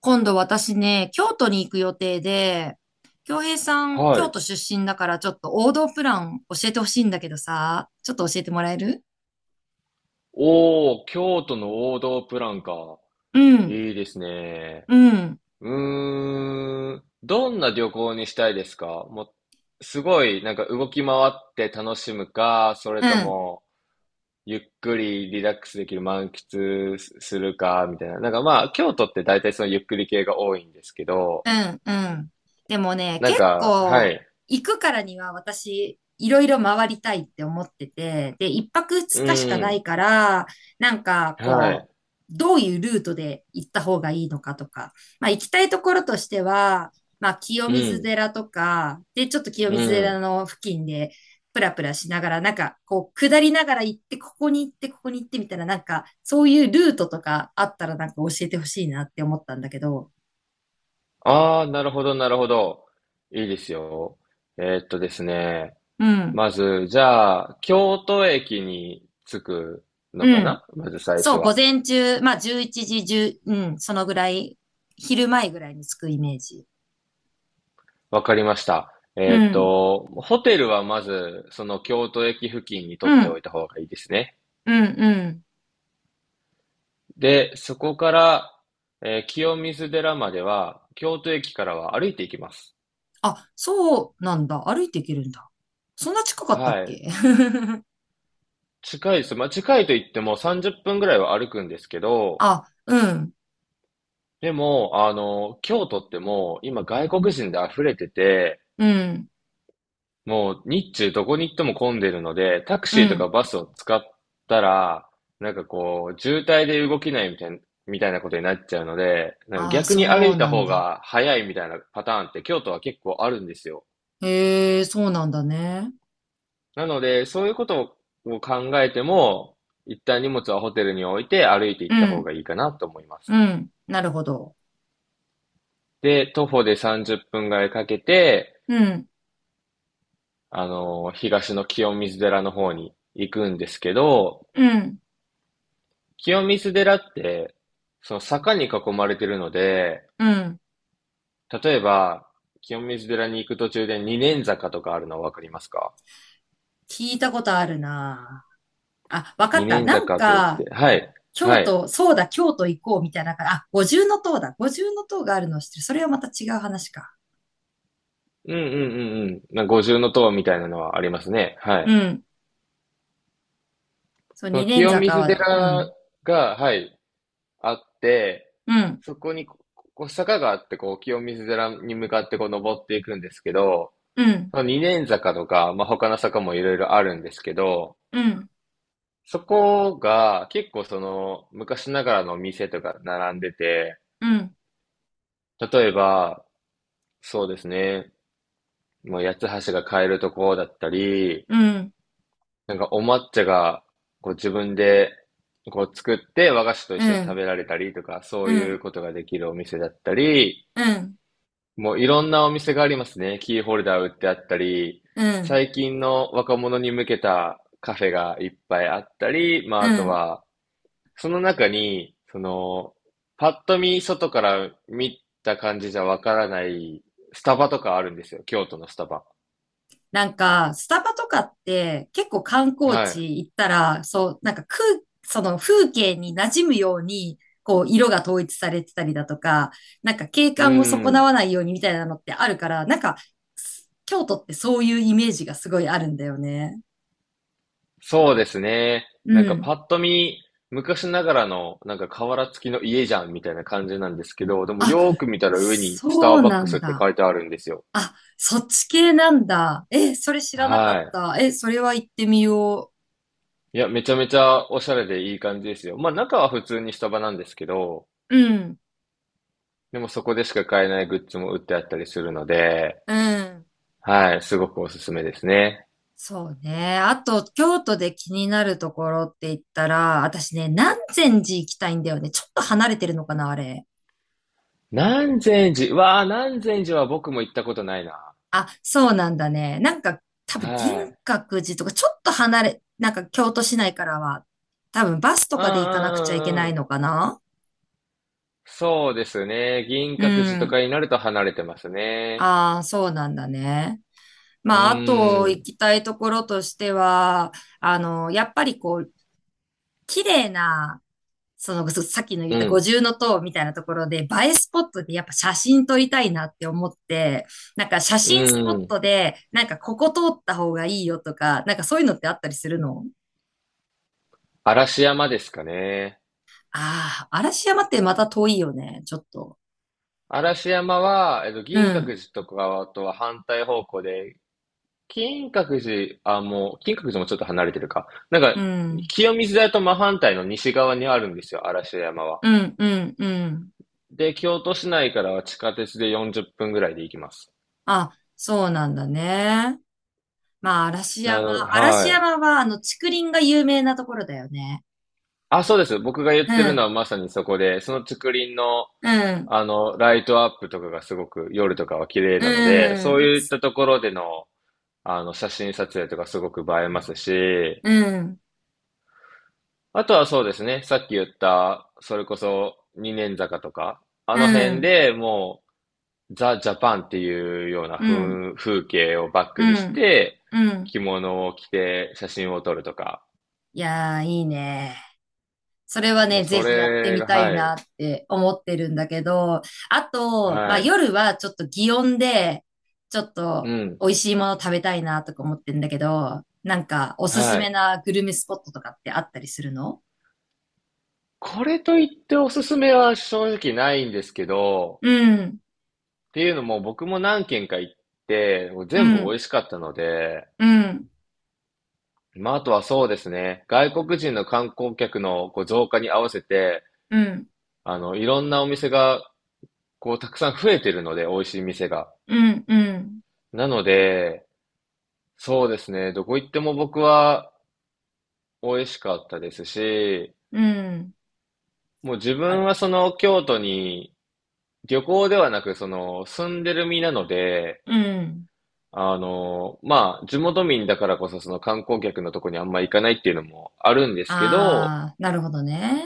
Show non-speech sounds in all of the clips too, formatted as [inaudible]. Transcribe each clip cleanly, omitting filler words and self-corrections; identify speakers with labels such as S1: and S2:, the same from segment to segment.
S1: 今度私ね、京都に行く予定で、京平さん、
S2: は
S1: 京
S2: い。
S1: 都出身だからちょっと王道プラン教えてほしいんだけどさ、ちょっと教えてもらえる？
S2: おー、京都の王道プランか。
S1: うん、
S2: いいですね。
S1: うん、
S2: どんな旅行にしたいですか？もう、すごい、なんか動き回って楽しむか、それ
S1: う
S2: と
S1: ん。
S2: も、ゆっくりリラックスできる満喫するか、みたいな。なんかまあ、京都って大体そのゆっくり系が多いんですけど、
S1: うんうん。でもね、
S2: なん
S1: 結
S2: か、は
S1: 構
S2: い。
S1: 行くからには私、いろいろ回りたいって思ってて、で、一泊二日しか
S2: う
S1: な
S2: ん。
S1: いから、なんか
S2: は
S1: こ
S2: い。
S1: う、どういうルートで行った方がいいのかとか、まあ行きたいところとしては、まあ清
S2: う
S1: 水
S2: ん。
S1: 寺とか、で、ちょっと清
S2: う
S1: 水寺
S2: ん。
S1: の付近で、プラプラしながら、なんか、こう、下りながら行って、ここに行って、ここに行ってみたいな、なんか、そういうルートとかあったら、なんか教えてほしいなって思ったんだけど。
S2: ああ、なるほど、なるほど。いいですよ。ですね。
S1: うん。
S2: まず、じゃあ、京都駅に着く
S1: う
S2: のか
S1: ん。
S2: な、まず最初
S1: そう、午
S2: は。
S1: 前中、まあ11時1ううん、そのぐらい、昼前ぐらいに着くイメージ。
S2: わかりました。
S1: うん、
S2: ホテルはまず、その京都駅付近に取
S1: う
S2: ってお
S1: ん、
S2: いた方がいいですね。
S1: うん、うん。
S2: で、そこから、清水寺までは、京都駅からは歩いていきます。
S1: あ、そうなんだ。歩いていけるんだ。そんな近かったっ
S2: はい。
S1: け？
S2: 近いです。まあ、近いと言っても30分ぐらいは歩くんですけ
S1: [laughs]
S2: ど、
S1: あ、うん、
S2: でも、あの、京都ってもう今外国人で溢れてて、
S1: うん、
S2: もう日中どこに行っても混んでるので、タク
S1: う
S2: シーと
S1: ん。
S2: かバスを使ったら、なんかこう、渋滞で動けないみたいな、みたいなことになっちゃうので、なんか
S1: あ、
S2: 逆に歩
S1: そう
S2: いた
S1: なん
S2: 方
S1: だ。
S2: が早いみたいなパターンって京都は結構あるんですよ。
S1: へえ、そうなんだね。
S2: なので、そういうことを考えても、一旦荷物はホテルに置いて歩いて行
S1: う
S2: った方
S1: ん、
S2: がいいかなと思います。
S1: うん。なるほど。
S2: で、徒歩で30分ぐらいかけて、
S1: うん、
S2: あの、東の清水寺の方に行くんですけど、
S1: うん、
S2: 清水寺って、その坂に囲まれてるので、
S1: うん。
S2: 例えば、清水寺に行く途中で二年坂とかあるのわかりますか？
S1: 聞いたことあるな。あ、わか
S2: 二
S1: った。
S2: 年
S1: なん
S2: 坂と言っ
S1: か、
S2: て、はい、
S1: 京
S2: はい。
S1: 都、そうだ、京都行こうみたいなあ、五重の塔だ。五重の塔があるのを知ってる。それはまた違う話か。
S2: うんうんうんうん。な五重の塔みたいなのはありますね。は
S1: う
S2: い。
S1: ん。そう、
S2: そ
S1: 二
S2: の
S1: 年
S2: 清
S1: 坂
S2: 水
S1: は、う
S2: 寺
S1: ん。
S2: が、はい、あって、
S1: うん。
S2: そこにこ、こう坂があって、こう、清水寺に向かってこう登っていくんですけど、
S1: うん。
S2: その二年坂とか、まあ、他の坂もいろいろあるんですけど、
S1: うん。
S2: そこが結構その昔ながらの店とか並んでて、
S1: うん。
S2: 例えば、そうですね、もう八つ橋が買えるとこだったり、
S1: うん。
S2: なんかお抹茶がこう自分でこう作って和菓子と一
S1: う
S2: 緒に食
S1: ん。
S2: べられたりとか、
S1: う
S2: そういう
S1: ん。
S2: ことができるお店だったり、
S1: うん。
S2: もういろんなお店がありますね。キーホルダー売ってあったり、
S1: うん。
S2: 最近の若者に向けたカフェがいっぱいあったり、まあ
S1: う
S2: あと
S1: ん。
S2: は、その中に、その、パッと見、外から見た感じじゃわからないスタバとかあるんですよ。京都のスタバ。
S1: なんか、スタバとかって結構観光
S2: は
S1: 地行ったら、そう、なんか空、その風景に馴染むように、こう、色が統一されてたりだとか、なんか景
S2: い。う
S1: 観を損な
S2: ん。
S1: わないようにみたいなのってあるから、なんか、京都ってそういうイメージがすごいあるんだよね。
S2: そうですね。
S1: う
S2: なんかパ
S1: ん。
S2: ッと見、昔ながらの、なんか瓦付きの家じゃんみたいな感じなんですけど、でも
S1: あ、
S2: よーく見たら上にスタ
S1: そ
S2: ー
S1: う
S2: バッ
S1: な
S2: クス
S1: ん
S2: って
S1: だ。
S2: 書いてあるんですよ。
S1: あ、そっち系なんだ。え、それ知らなかっ
S2: は
S1: た。え、それは行ってみよ
S2: い。いや、めちゃめちゃおしゃれでいい感じですよ。まあ中は普通にスタバなんですけど、
S1: う。うん、
S2: でもそこでしか買えないグッズも売ってあったりするので、
S1: うん。
S2: はい、すごくおすすめですね。
S1: そうね。あと、京都で気になるところって言ったら、私ね、南禅寺行きたいんだよね。ちょっと離れてるのかな、あれ。
S2: 南禅寺、わあ、南禅寺は僕も行ったことないな。
S1: あ、そうなんだね。なんか、多分、銀
S2: はい。
S1: 閣寺とか、ちょっと離れ、なんか、京都市内からは、多分、バスと
S2: うんうん
S1: かで行かなくちゃいけ
S2: う
S1: な
S2: んう
S1: い
S2: ん。
S1: のかな。
S2: そうですね。銀
S1: う
S2: 閣寺とか
S1: ん。
S2: になると離れてますね。
S1: ああ、そうなんだね。
S2: う
S1: まあ、あと、
S2: ー
S1: 行
S2: ん、
S1: きたいところとしては、あの、やっぱりこう、綺麗な、その、さっきの言っ
S2: う
S1: た五
S2: ん、
S1: 重の塔みたいなところで、映えスポットでやっぱ写真撮りたいなって思って、なんか写真スポッ
S2: うん。
S1: トで、なんかここ通った方がいいよとか、なんかそういうのってあったりするの？
S2: 嵐山ですかね。
S1: ああー、嵐山ってまた遠いよね、ちょっと。
S2: 嵐山は、えっと、
S1: う
S2: 銀閣
S1: ん、
S2: 寺とかとは反対方向で、金閣寺、あ、もう、金閣寺もちょっと離れてるか。なん
S1: う
S2: か、
S1: ん、
S2: 清水寺と真反対の西側にあるんですよ、嵐山は。
S1: うん、うん、うん。
S2: で、京都市内からは地下鉄で40分ぐらいで行きます。
S1: あ、そうなんだね。まあ、嵐
S2: なる
S1: 山。
S2: ほど、
S1: 嵐
S2: はい。
S1: 山は、あの、竹林が有名なところだよね。
S2: あ、そうです。僕が言
S1: う
S2: ってるの
S1: ん、
S2: はまさにそこで、その竹林の、
S1: うん、
S2: あの、ライトアップとかがすごく夜とかは綺麗なので、
S1: う
S2: そう
S1: ん、
S2: いったところでの、あの、写真撮影とかすごく映えますし、
S1: うん、
S2: あとはそうですね、さっき言った、それこそ二年坂とか、あ
S1: う
S2: の辺
S1: ん、
S2: でもう、ザ・ジャパンっていうような
S1: うん。
S2: 風景をバッ
S1: う
S2: クにし
S1: ん。
S2: て、
S1: うん。
S2: 着物を着て写真を撮るとか。
S1: いやー、いいね。それは
S2: もう
S1: ね、ぜ
S2: そ
S1: ひやって
S2: れ
S1: み
S2: が、
S1: たい
S2: は
S1: な
S2: い、
S1: って思ってるんだけど、あと、ま
S2: は
S1: あ
S2: い、
S1: 夜はちょっと祇園で、ちょっ
S2: う
S1: と
S2: ん、
S1: 美味しいもの食べたいなとか思ってんだけど、なんかおすす
S2: は
S1: め
S2: い。
S1: なグルメスポットとかってあったりするの？
S2: これといっておすすめは正直ないんですけど、
S1: うん。
S2: っていうのも僕も何軒か行って、
S1: う
S2: 全部美
S1: ん。
S2: 味しかったので、
S1: うん。
S2: まあ、あとはそうですね、外国人の観光客のこう増加に合わせて、
S1: うん。
S2: あの、いろんなお店が、こう、たくさん増えてるので、美味しい店が。
S1: うん。うん。
S2: なので、そうですね。どこ行っても僕は美味しかったですし、
S1: うん。
S2: もう自
S1: あ、
S2: 分はその京都に旅行ではなくその住んでる身なので、
S1: うん。
S2: あの、まあ地元民だからこそその観光客のとこにあんま行かないっていうのもあるんですけど、
S1: あー、なるほどね。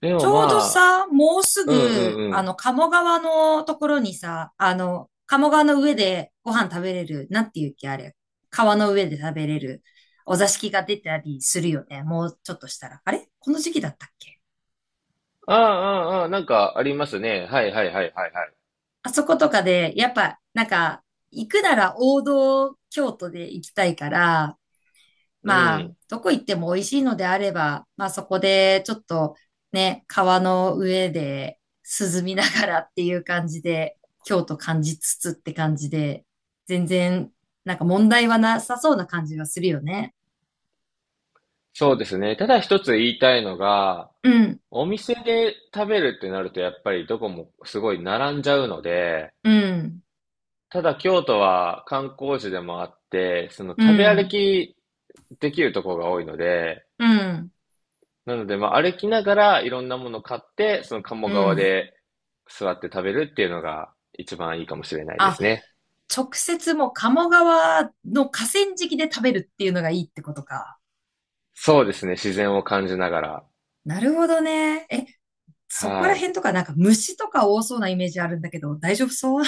S2: で
S1: ち
S2: も
S1: ょうど
S2: まあ、
S1: さ、もうす
S2: うんう
S1: ぐ、
S2: んう
S1: あ
S2: ん。
S1: の、鴨川のところにさ、あの、鴨川の上でご飯食べれる、なんていうっけ、あれ？川の上で食べれる、お座敷が出たりするよね。もうちょっとしたら。あれこの時期だったっけ？
S2: ああ、ああ、ああ、なんかありますね。はいはいはいはいはい。
S1: あそことかで、やっぱ、なんか、行くなら王道京都で行きたいから、
S2: う
S1: まあ、
S2: ん。
S1: どこ行っても美味しいのであれば、まあそこでちょっとね、川の上で涼みながらっていう感じで、京都感じつつって感じで、全然なんか問題はなさそうな感じがするよね。
S2: そうですね。ただ一つ言いたいのが、
S1: うん、
S2: お店で食べるってなるとやっぱりどこもすごい並んじゃうので、
S1: うん、
S2: ただ京都は観光地でもあって、その
S1: う
S2: 食べ歩
S1: ん、
S2: きできるところが多いので、
S1: うん、
S2: なので、まあ、歩きながらいろんなものを買って、その鴨
S1: う
S2: 川
S1: ん。
S2: で座って食べるっていうのが一番いいかもしれないで
S1: あ、
S2: すね。
S1: 直接もう鴨川の河川敷で食べるっていうのがいいってことか。
S2: そうですね、自然を感じながら。
S1: なるほどね。え、そこ
S2: は
S1: ら
S2: い。
S1: 辺とかなんか虫とか多そうなイメージあるんだけど、大丈夫そう？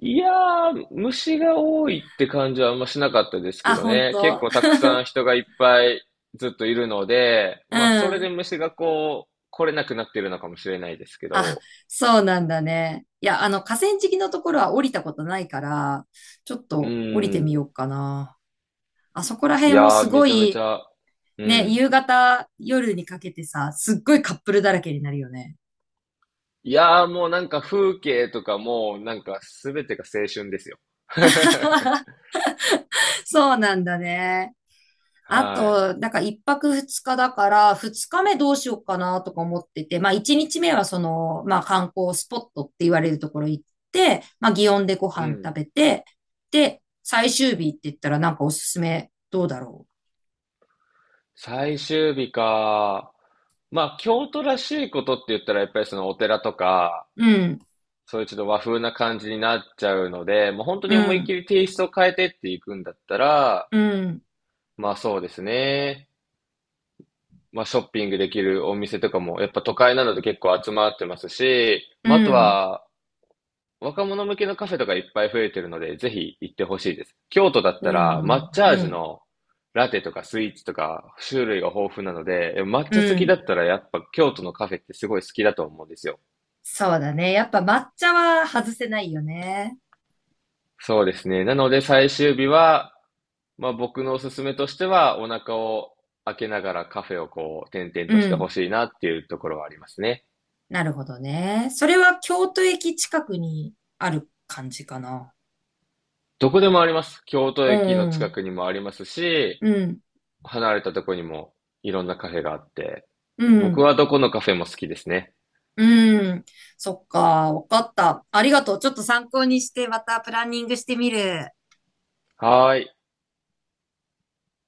S2: いやー、虫が多いって感じはあんましなかったですけ
S1: あ、
S2: ど
S1: 本
S2: ね。結
S1: 当？
S2: 構たくさん人がいっぱいずっといるので、
S1: う
S2: まあ、それで
S1: ん。
S2: 虫がこう、来れなくなってるのかもしれないですけ
S1: あ、
S2: ど、
S1: そうなんだね。いや、あの、河川敷のところは降りたことないから、ちょっ
S2: う
S1: と降りてみ
S2: ん。
S1: ようかな。あそこら
S2: い
S1: 辺も
S2: や
S1: す
S2: ー、め
S1: ご
S2: ちゃめち
S1: い、
S2: ゃ、う
S1: ね、
S2: ん。
S1: 夕方、夜にかけてさ、すっごいカップルだらけになるよね。
S2: いやー、もうなんか風景とかも、なんかすべてが青春ですよ。[laughs]
S1: [laughs] そうなんだね。あ
S2: はい。
S1: と、なんか一泊二日だから、二日目どうしようかなとか思ってて、まあ一日目はその、まあ観光スポットって言われるところ行って、まあ祇園でご
S2: う
S1: 飯食
S2: ん。
S1: べて、で、最終日って言ったらなんかおすすめどうだろ
S2: 最終日か。まあ、京都らしいことって言ったら、やっぱりそのお寺とか、
S1: う。うん、
S2: そういうちょっと和風な感じになっちゃうので、もう本当
S1: う
S2: に思いっ
S1: ん、
S2: きりテイストを変えてっていくんだったら、
S1: うん、
S2: まあそうですね。まあショッピングできるお店とかも、やっぱ都会なので結構集まってますし、
S1: う
S2: まああと
S1: ん、
S2: は、若者向けのカフェとかいっぱい増えてるので、ぜひ行ってほしいです。京都だっ
S1: う
S2: たら、
S1: ん、
S2: 抹茶
S1: う
S2: 味
S1: ん、
S2: のラテとかスイーツとか種類が豊富なので、抹
S1: う
S2: 茶好きだ
S1: ん。
S2: ったらやっぱ京都のカフェってすごい好きだと思うんですよ。
S1: そうだね。やっぱ抹茶は外せないよね。
S2: そうですね。なので最終日は、まあ僕のおすすめとしては、お腹を開けながらカフェをこう、点々
S1: う
S2: としてほ
S1: ん。
S2: しいなっていうところはありますね。
S1: なるほどね。それは京都駅近くにある感じかな。
S2: どこでもあります。京都
S1: う
S2: 駅の近
S1: ん。
S2: くにもありますし、
S1: うん、
S2: 離れたとこにもいろんなカフェがあって、
S1: う
S2: 僕
S1: ん、
S2: はどこのカフェも好きですね。
S1: うん。そっか、わかった。ありがとう。ちょっと参考にして、またプランニングしてみる。
S2: はーい。